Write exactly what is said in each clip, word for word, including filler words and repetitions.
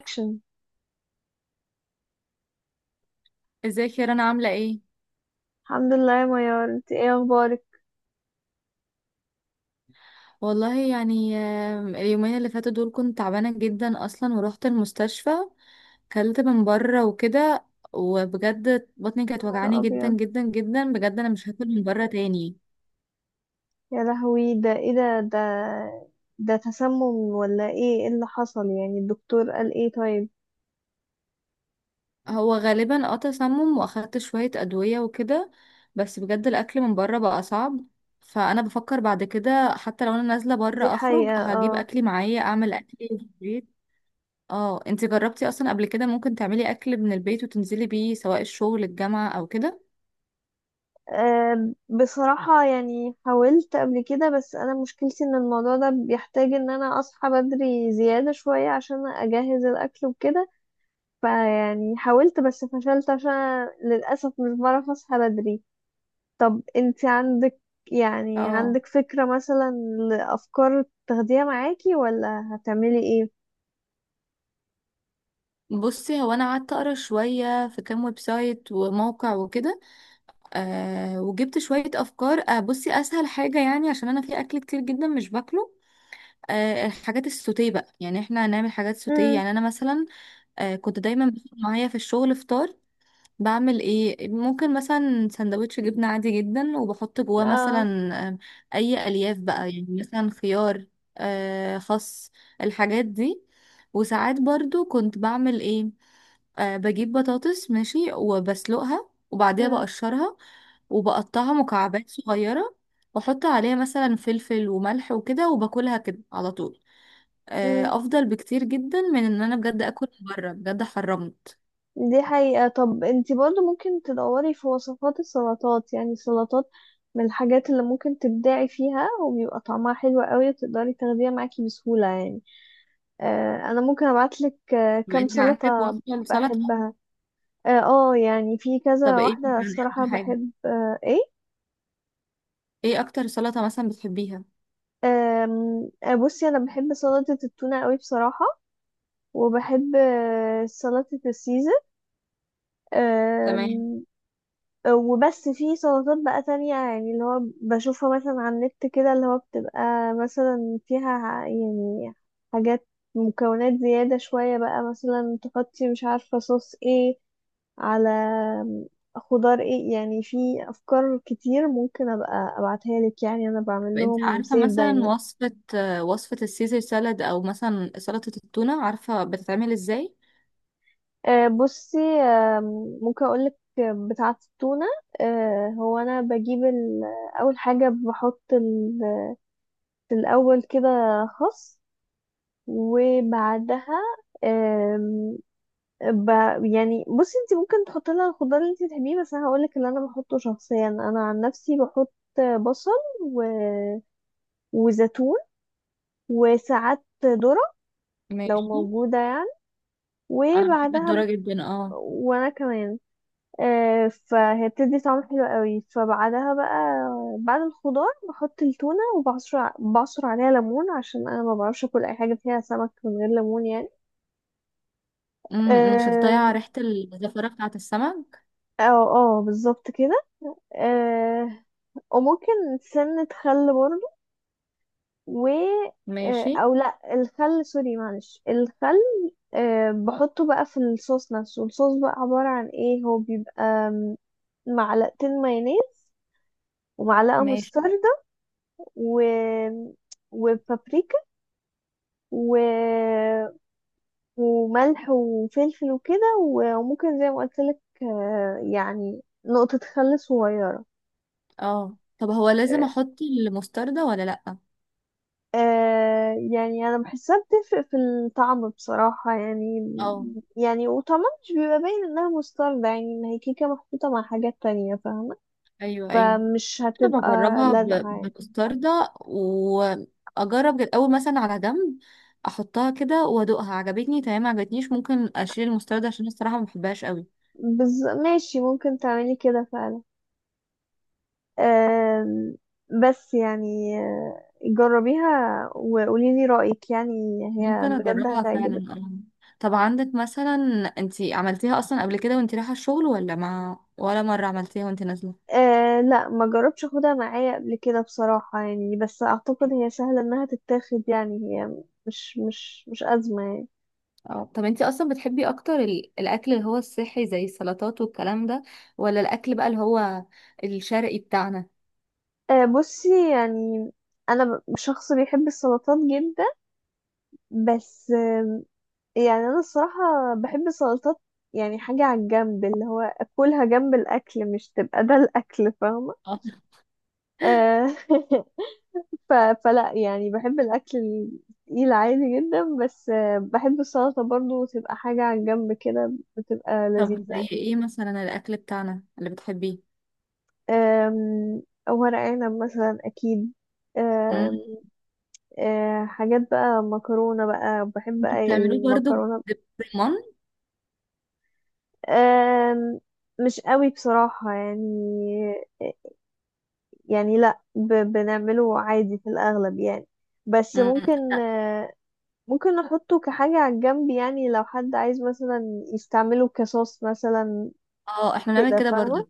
اكشن. ازيك يا رنا، عاملة ايه؟ الحمد لله يا ميار، انت ايه اخبارك؟ والله يعني، آم، اليومين اللي فاتوا دول كنت تعبانة جدا اصلا ورحت المستشفى. كلت من بره وكده، وبجد بطني كانت نهار وجعاني جدا ابيض. جدا جدا، بجد انا مش هاكل من بره تاني. يا لهوي، ده ايه؟ ده ده ده تسمم ولا ايه؟ ايه اللي حصل يعني؟ الدكتور قال ايه؟ طيب. هو غالبا اه تسمم، واخدت شوية ادوية وكده، بس بجد الاكل من بره بقى صعب. فانا بفكر بعد كده، حتى لو انا نازلة دي بره اخرج حقيقة، هجيب اه. اكلي معايا، اعمل اكلي في البيت. اه، انت جربتي اصلا قبل كده؟ ممكن تعملي اكل من البيت وتنزلي بيه سواء الشغل، الجامعة، او كده؟ آه، بصراحة يعني حاولت قبل كده، بس أنا مشكلتي إن الموضوع ده بيحتاج إن أنا أصحى بدري زيادة شوية عشان أجهز الأكل وكده. فيعني حاولت بس فشلت عشان للأسف مش بعرف أصحى بدري. طب انت عندك، يعني اه. عندك فكرة مثلا لأفكار تاخديها معاكي ولا هتعملي ايه؟ بصي هو انا قعدت اقرا شويه في كام ويب سايت وموقع وكده، أه وجبت شويه افكار. أه بصي، اسهل حاجه، يعني عشان انا في اكل كتير جدا مش باكله، أه الحاجات السوتيه بقى، يعني احنا هنعمل حاجات سوتيه، امم. يعني انا مثلا أه كنت دايما باخد معايا في الشغل فطار. بعمل ايه؟ ممكن مثلا سندوتش جبنة عادي جدا، وبحط جواه مثلا، اه. آم، اي الياف بقى، يعني مثلا خيار، آه، خس، الحاجات دي. وساعات برضو كنت بعمل ايه؟ آه، بجيب بطاطس ماشي، وبسلقها، وبعديها امم. بقشرها، وبقطعها مكعبات صغيرة، واحط عليها مثلا فلفل وملح وكده، وباكلها كده على طول. امم. آه، افضل بكتير جدا من ان انا بجد اكل من بره، بجد حرمت. دي حقيقة. طب انت برضو ممكن تدوري في وصفات السلطات، يعني السلطات من الحاجات اللي ممكن تبدعي فيها وبيبقى طعمها حلو قوي وتقدري تاخديها معاكي بسهولة يعني. آه انا ممكن ابعتلك، آه، كام انت عندك سلطة وصفة لسلطة؟ بحبها. اه، آه، يعني في طب كذا ايه واحدة يعني اكتر الصراحة حاجة، بحب، آه، ايه... ايه اكتر سلطة مثلا بتحبيها؟ أم، آه، بصي انا بحب سلطة التونة قوي بصراحة، وبحب، آه، سلطة السيزر. تمام. أم. وبس في سلطات بقى تانية، يعني اللي هو بشوفها مثلا على النت كده، اللي هو بتبقى مثلا فيها ع- يعني حاجات، مكونات زيادة شوية بقى، مثلا تحطي مش عارفة صوص ايه على خضار ايه، يعني في افكار كتير ممكن ابقى ابعتها لك، يعني انا بعمل طب انت لهم عارفة سيف مثلا دايما. وصفة، آه، وصفة السيزر سالاد، او مثلا سلطة التونة، عارفة بتتعمل ازاي؟ آه، بصي، آم، ممكن اقولك بتاعة التونة. آه، هو انا بجيب ال- اول حاجة بحط ال- في الاول كده خس، وبعدها، آم، ب... يعني بصي، انت ممكن تحطي لها الخضار اللي انت تحبيه، بس انا هقولك اللي انا بحطه شخصيا، انا عن نفسي بحط بصل و... وزيتون وساعات ذرة لو ماشي. موجودة يعني. انا بحب وبعدها ب... الذرة جدا، اه. وانا كمان، آه، فهي بتدي طعم حلو قوي. فبعدها بقى بعد الخضار بحط التونة، وبعصر ع- بعصر عليها ليمون عشان انا ما بعرفش اكل اي حاجة فيها سمك من غير ليمون يعني. أمم، أمم، عشان آم، تضيع ريحة الزفرة بتاعة السمك. اه، اه بالظبط كده. آه، وممكن سنة خل برضو، و... آه، ماشي. او لا الخل، سوري معلش، الخل، آه، بحطه بقى في الصوص نفسه. الصوص بقى عبارة عن ايه؟ هو بيبقى آم، معلقتين مايونيز، ومعلقة مستر، ماشي. و... وبابريكا، و... وملح وفلفل وكده و- وممكن زي ما قلت لك، آه، يعني نقطة خل صغيرة. اه، طب هو لازم آه، احط المستردة ولا لأ؟ آه، يعني أنا بحسها بتفرق في الطعم بصراحة يعني. اه، يعني وطعمها مش بيبقى باين إنها مستردة، يعني إن هي كيكة محطوطة مع حاجات تانية فاهمة. ايوه، ايوه. فمش انا هتبقى بجربها ب- لازعة يعني. بمستردة، واجرب الاول مثلا على جنب، احطها كده وادوقها، عجبتني تمام، ما عجبتنيش ممكن اشيل المستردة، عشان الصراحة ما بحبهاش قوي. بز... ماشي ممكن تعملي كده فعلا. آم، بس يعني، آه، جربيها وقولي لي رأيك يعني. هي ممكن بجد اجربها هتعجبك. فعلا آه. طب عندك مثلا، انتي عملتيها اصلا قبل كده وانتي رايحة الشغل، ولا ما ولا مرة عملتيها وانتي نازلة؟ أه لا، ما جربتش اخدها معايا قبل كده بصراحة يعني، بس اعتقد هي سهلة انها تتاخد يعني، هي مش مش مش أزمة يعني. اه، طب انتي اصلا بتحبي اكتر ال- الاكل اللي هو الصحي، زي السلطات والكلام ده، ولا الاكل بقى اللي هو الشرقي بتاعنا؟ أه بصي يعني، انا ب- شخص بيحب السلطات جدا. بس آم، يعني انا الصراحة بحب السلطات، يعني حاجة على الجنب، اللي هو اكلها جنب الاكل، مش تبقى ده الاكل فاهمة. اه. أه ف... فلا، يعني بحب الأكل التقيل عادي جدا، بس آه، بحب السلطة برضو تبقى حاجة على الجنب كده، بتبقى لذيذة طب زي يعني. ايه مثلا الاكل بتاعنا اللي بتحبيه؟ آم، ورق عنب مثلا أكيد. مم. آم، آه، حاجات بقى، مكرونة بقى بحب انتوا أي بتعملوه برضو ب- المكرونة. بالرمان؟ آم، مش قوي بصراحة يعني. يعني لا ب... بنعمله عادي في الأغلب يعني. بس مم. ممكن، لا. آه، ممكن نحطه كحاجة على الجنب يعني، لو حد عايز مثلا يستعمله كصوص مثلا اه، احنا بنعمل كده، كده برضو، فاهمة.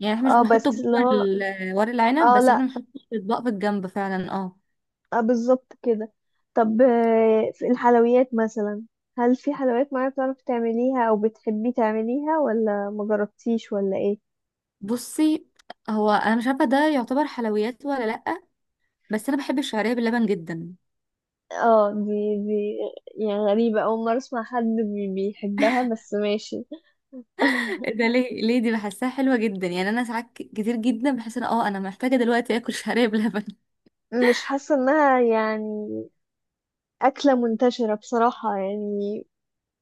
يعني احنا مش اه بنحطه بس جوه اللي هو... ال- ورق العنب، اه بس لا، احنا بنحطه في اطباق في الجنب فعلا، اه. آه بالظبط كده. طب، آه، في الحلويات مثلا، هل في حلويات معينة بتعرفي تعمليها او بتحبي تعمليها، ولا ما جربتيش، ولا ايه؟ بصي، هو انا مش عارفه ده يعتبر حلويات ولا لا، بس انا بحب الشعريه باللبن جدا. اه، دي دي يعني غريبة، اول مرة اسمع حد بي- بيحبها، بس ماشي إيه ده؟ ليه، ليه؟ دي بحسها حلوه جدا، يعني انا ساعات ك- كتير جدا بحس ان، اه انا محتاجه دلوقتي اكل شعريه بلبن. مش حاسة انها يعني أكلة منتشرة بصراحة يعني.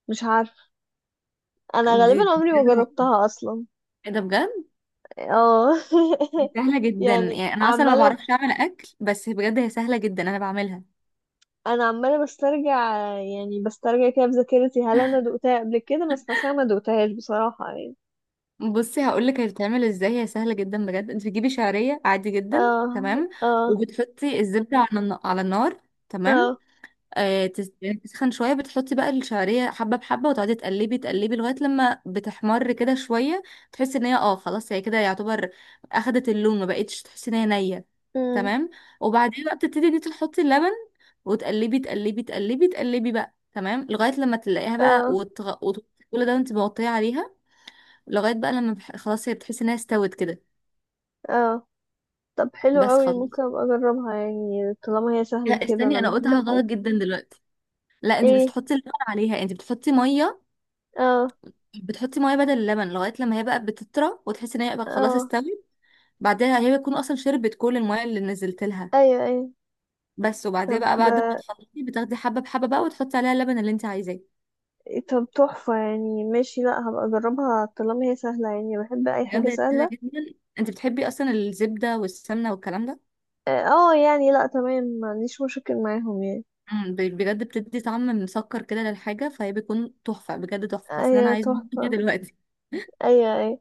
مش عارفة، انا غالبا دي عمري ما بجد تحفه. جربتها اصلا. ايه ده بجد. اه دي سهله جدا، يعني يعني انا اصلا ما عماله، بعرفش اعمل اكل، بس بجد هي سهله جدا، انا بعملها. انا عماله بسترجع يعني بسترجع كده في ذاكرتي، هل انا دقتها قبل كده؟ بس حاسه ما دقتهاش بصراحه يعني. بصي هقولك هي بتتعمل ازاي، هي سهله جدا بجد. انت بتجيبي شعريه عادي جدا. اه. تمام. اه. وبتحطي الزبده على الن- على النار. تمام. اه. آه تس- يعني تسخن شويه، بتحطي بقى الشعريه حبه بحبه، وتقعدي تقلبي تقلبي لغايه لما بتحمر كده شويه. تحسي ان هي، اه خلاص، هي كده يعتبر اخدت اللون، ما بقتش تحسي ان هي نيه. امم. تمام. وبعدين بقى بتبتدي ان انت تحطي اللبن، وتقلبي تقلبي تقلبي تقلبي بقى، تمام، لغايه لما تلاقيها بقى، اه. وتغ... وت... كل ده انت مغطيه عليها، لغايه بقى لما بح... خلاص، هي بتحس انها استوت كده. اه. طب حلو بس قوي، ممكن خلاص. ابقى اجربها يعني، طالما هي سهله لا، كده، استني، انا انا بحب قلتها الحاجات. غلط جدا دلوقتي. لا، انت مش ايه؟ بتحطي اللبن عليها، انت بتحطي ميه. اه. بتحطي ميه بدل اللبن لغايه لما هي بقى بتطرى، وتحسي ان هي بقى خلاص اه. استوت. بعدها هي بتكون اصلا شربت كل الميه اللي نزلت لها. ايوه، ايوه. بس. وبعديها طب بقى، بعد ما تحطي، بتاخدي حبه بحبه بقى، وتحطي عليها اللبن اللي انت عايزاه. طب تحفه، يعني ماشي، لا هبقى اجربها طالما هي سهله يعني، بحب اي حاجه بجد هي سهله سهله. جدا. انت بتحبي اصلا الزبده والسمنه والكلام ده؟ اه يعني لا تمام، ما عنديش مشاكل معاهم يعني. مم، ب- بجد بتدي طعم مسكر كده للحاجه، فهي بيكون تحفه، بجد تحفه. حاسه ان انا ايوه عايزه أعمل تحفة. كده دلوقتي. ايوه، ايوه.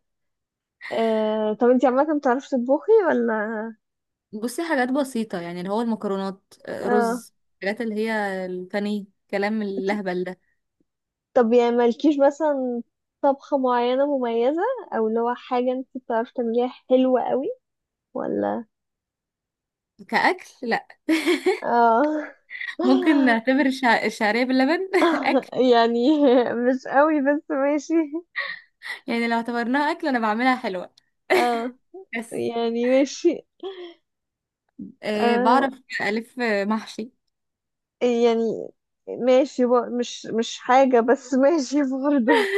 آه طب انتي عامة بتعرفي تطبخي، ولا؟ بصي، حاجات بسيطة، يعني اللي هو المكرونات، آه، اه. رز، الحاجات اللي هي الفني كلام اللهبل ده. طب يعني مالكيش مثلا طبخة معينة مميزة، او اللي هو حاجة انتي بتعرفي تعمليها حلوة قوي، ولا؟ كأكل لا. اه ممكن نعتبر الشع- الشعرية باللبن أكل. يعني مش قوي بس ماشي. يعني لو اعتبرناها أكل، أنا بعملها حلوة، اه. بس يعني ماشي. أه آه بعرف ألف محشي. يعني ماشي بق- مش مش حاجة، بس ماشي برضه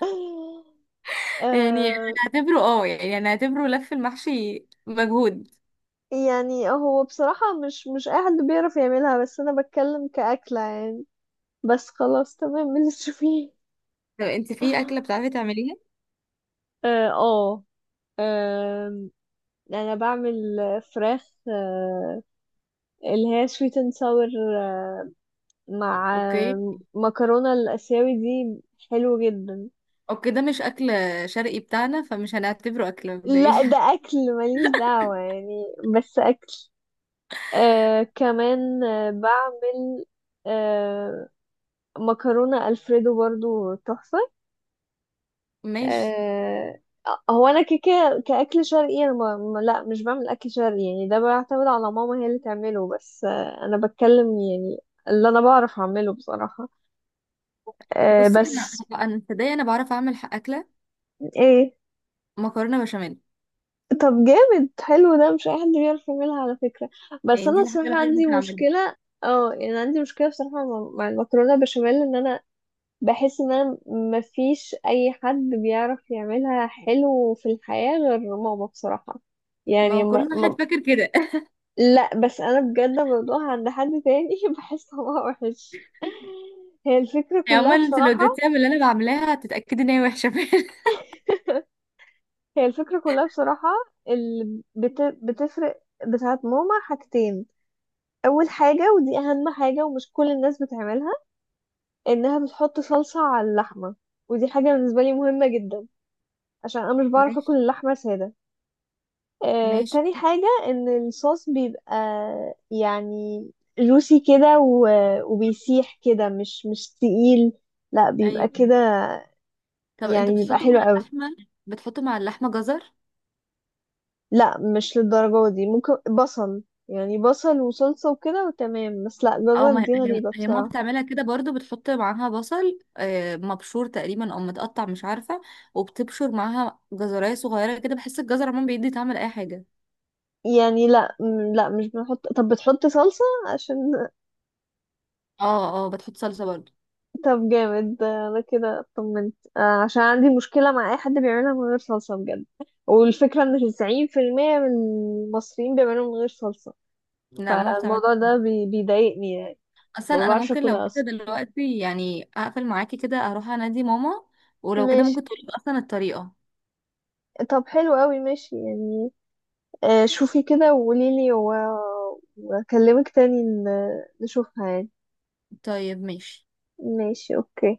يعني آه. هنعتبره، اه يعني هنعتبره لف المحشي مجهود. يعني هو بصراحة مش مش أي حد بيعرف يعملها، بس أنا بتكلم كأكلة يعني. بس خلاص تمام من اللي تشوفيه. طب انت في أكلة بتعرفي تعمليها؟ اه، آه، آم، أنا بعمل فراخ، آه، اللي هي sweet and sour، آه، مع، اوكي. آه، مكرونة الآسيوي دي. حلو جدا. اوكي، ده مش أكل شرقي بتاعنا، فمش هنعتبره أكلة لا مبدئيا. ده أكل، ماليش دعوة يعني. بس أكل. آه كمان آه بعمل، آه، مكرونة ألفريدو برضو تحفة. ماشي. آه هو أنا كيكة كأكل شرقي، أنا ما ما- لا مش بعمل أكل شرقي يعني، ده بيعتمد على ماما هي اللي تعمله، بس آه أنا بتكلم يعني اللي أنا بعرف أعمله بصراحة. آه بصي انا، بس. انا أنا- تصدقي انا بعرف اعمل ح- اكله إيه؟ مكرونه بشاميل. طب جامد حلو، ده مش أي حد بيعرف يعملها على فكرة. بس يعني أنا دي الحاجه الصراحة الوحيده اللي عندي ممكن اعملها. مشكلة. اه يعني عندي مشكلة بصراحة مع مع المكرونة بشاميل، إن أنا بحس ان انا مفيش اي حد بيعرف يعملها حلو في الحياة غير ماما بصراحة ما يعني هو كل ما واحد ما... فاكر كده. لا بس انا بجد الموضوع عند حد تاني بحس طعمها وحش. هي الفكرة يعني كلها عمال، انت لو بصراحة. اديتيها من اللي انا بعملها هتتاكدي ان هي وحشه فعلا. هي الفكرة كلها بصراحة، اللي بت... بتفرق بتاعت ماما حاجتين. أول حاجة، ودي أهم حاجة ومش كل الناس بتعملها، إنها بتحط صلصة على اللحمة، ودي حاجة بالنسبة لي مهمة جدا، عشان أنا مش بعرف أكل ماشي. اللحمة سادة. آه، ماشي. تاني حاجة ان الصوص بيبقى يعني جوسي كده، و- وبيسيح كده، مش مش تقيل، لا بيبقى ايوه. كده. طب يعني انتوا بيبقى بتحطوا مع حلو قوي. اللحمه، بتحطوا مع اللحمه جزر؟ لا مش للدرجة دي، ممكن بصل، يعني بصل وصلصة وكده وتمام، بس لا او جزر ما دي هي غريبة هي ماما بصراحة. بتعملها كده برضو، بتحط معاها بصل، آه، مبشور تقريبا او متقطع مش عارفه، وبتبشر معاها جزرايه صغيره كده، بحس الجزر عموما بيدي طعم لاي حاجه. يعني لا م- لا مش بنحط. طب بتحط صلصة عشان... اه، اه، بتحط صلصه برضو. طب جامد، ده انا كده اطمنت، آه، عشان عندي مشكلة مع اي حد بيعملها من غير صلصة بجد. والفكرة ان تسعين بالمية من المصريين بيعملوها من غير صلصة. لا، ماما بتعمل. فالموضوع ده بي... بيضايقني يعني، ما اصلا انا بعرفش ممكن لو اكلها كده اصلا. دلوقتي يعني اقفل معاكي كده، اروح انادي ماما، ولو كده ماشي. ممكن تقولي اصلا الطريقة. طب حلو قوي، ماشي يعني، آه، شوفي كده وقولي لي، و... واكلمك تاني، ن... نشوفها يعني. طيب، ماشي. ماشي، اوكي.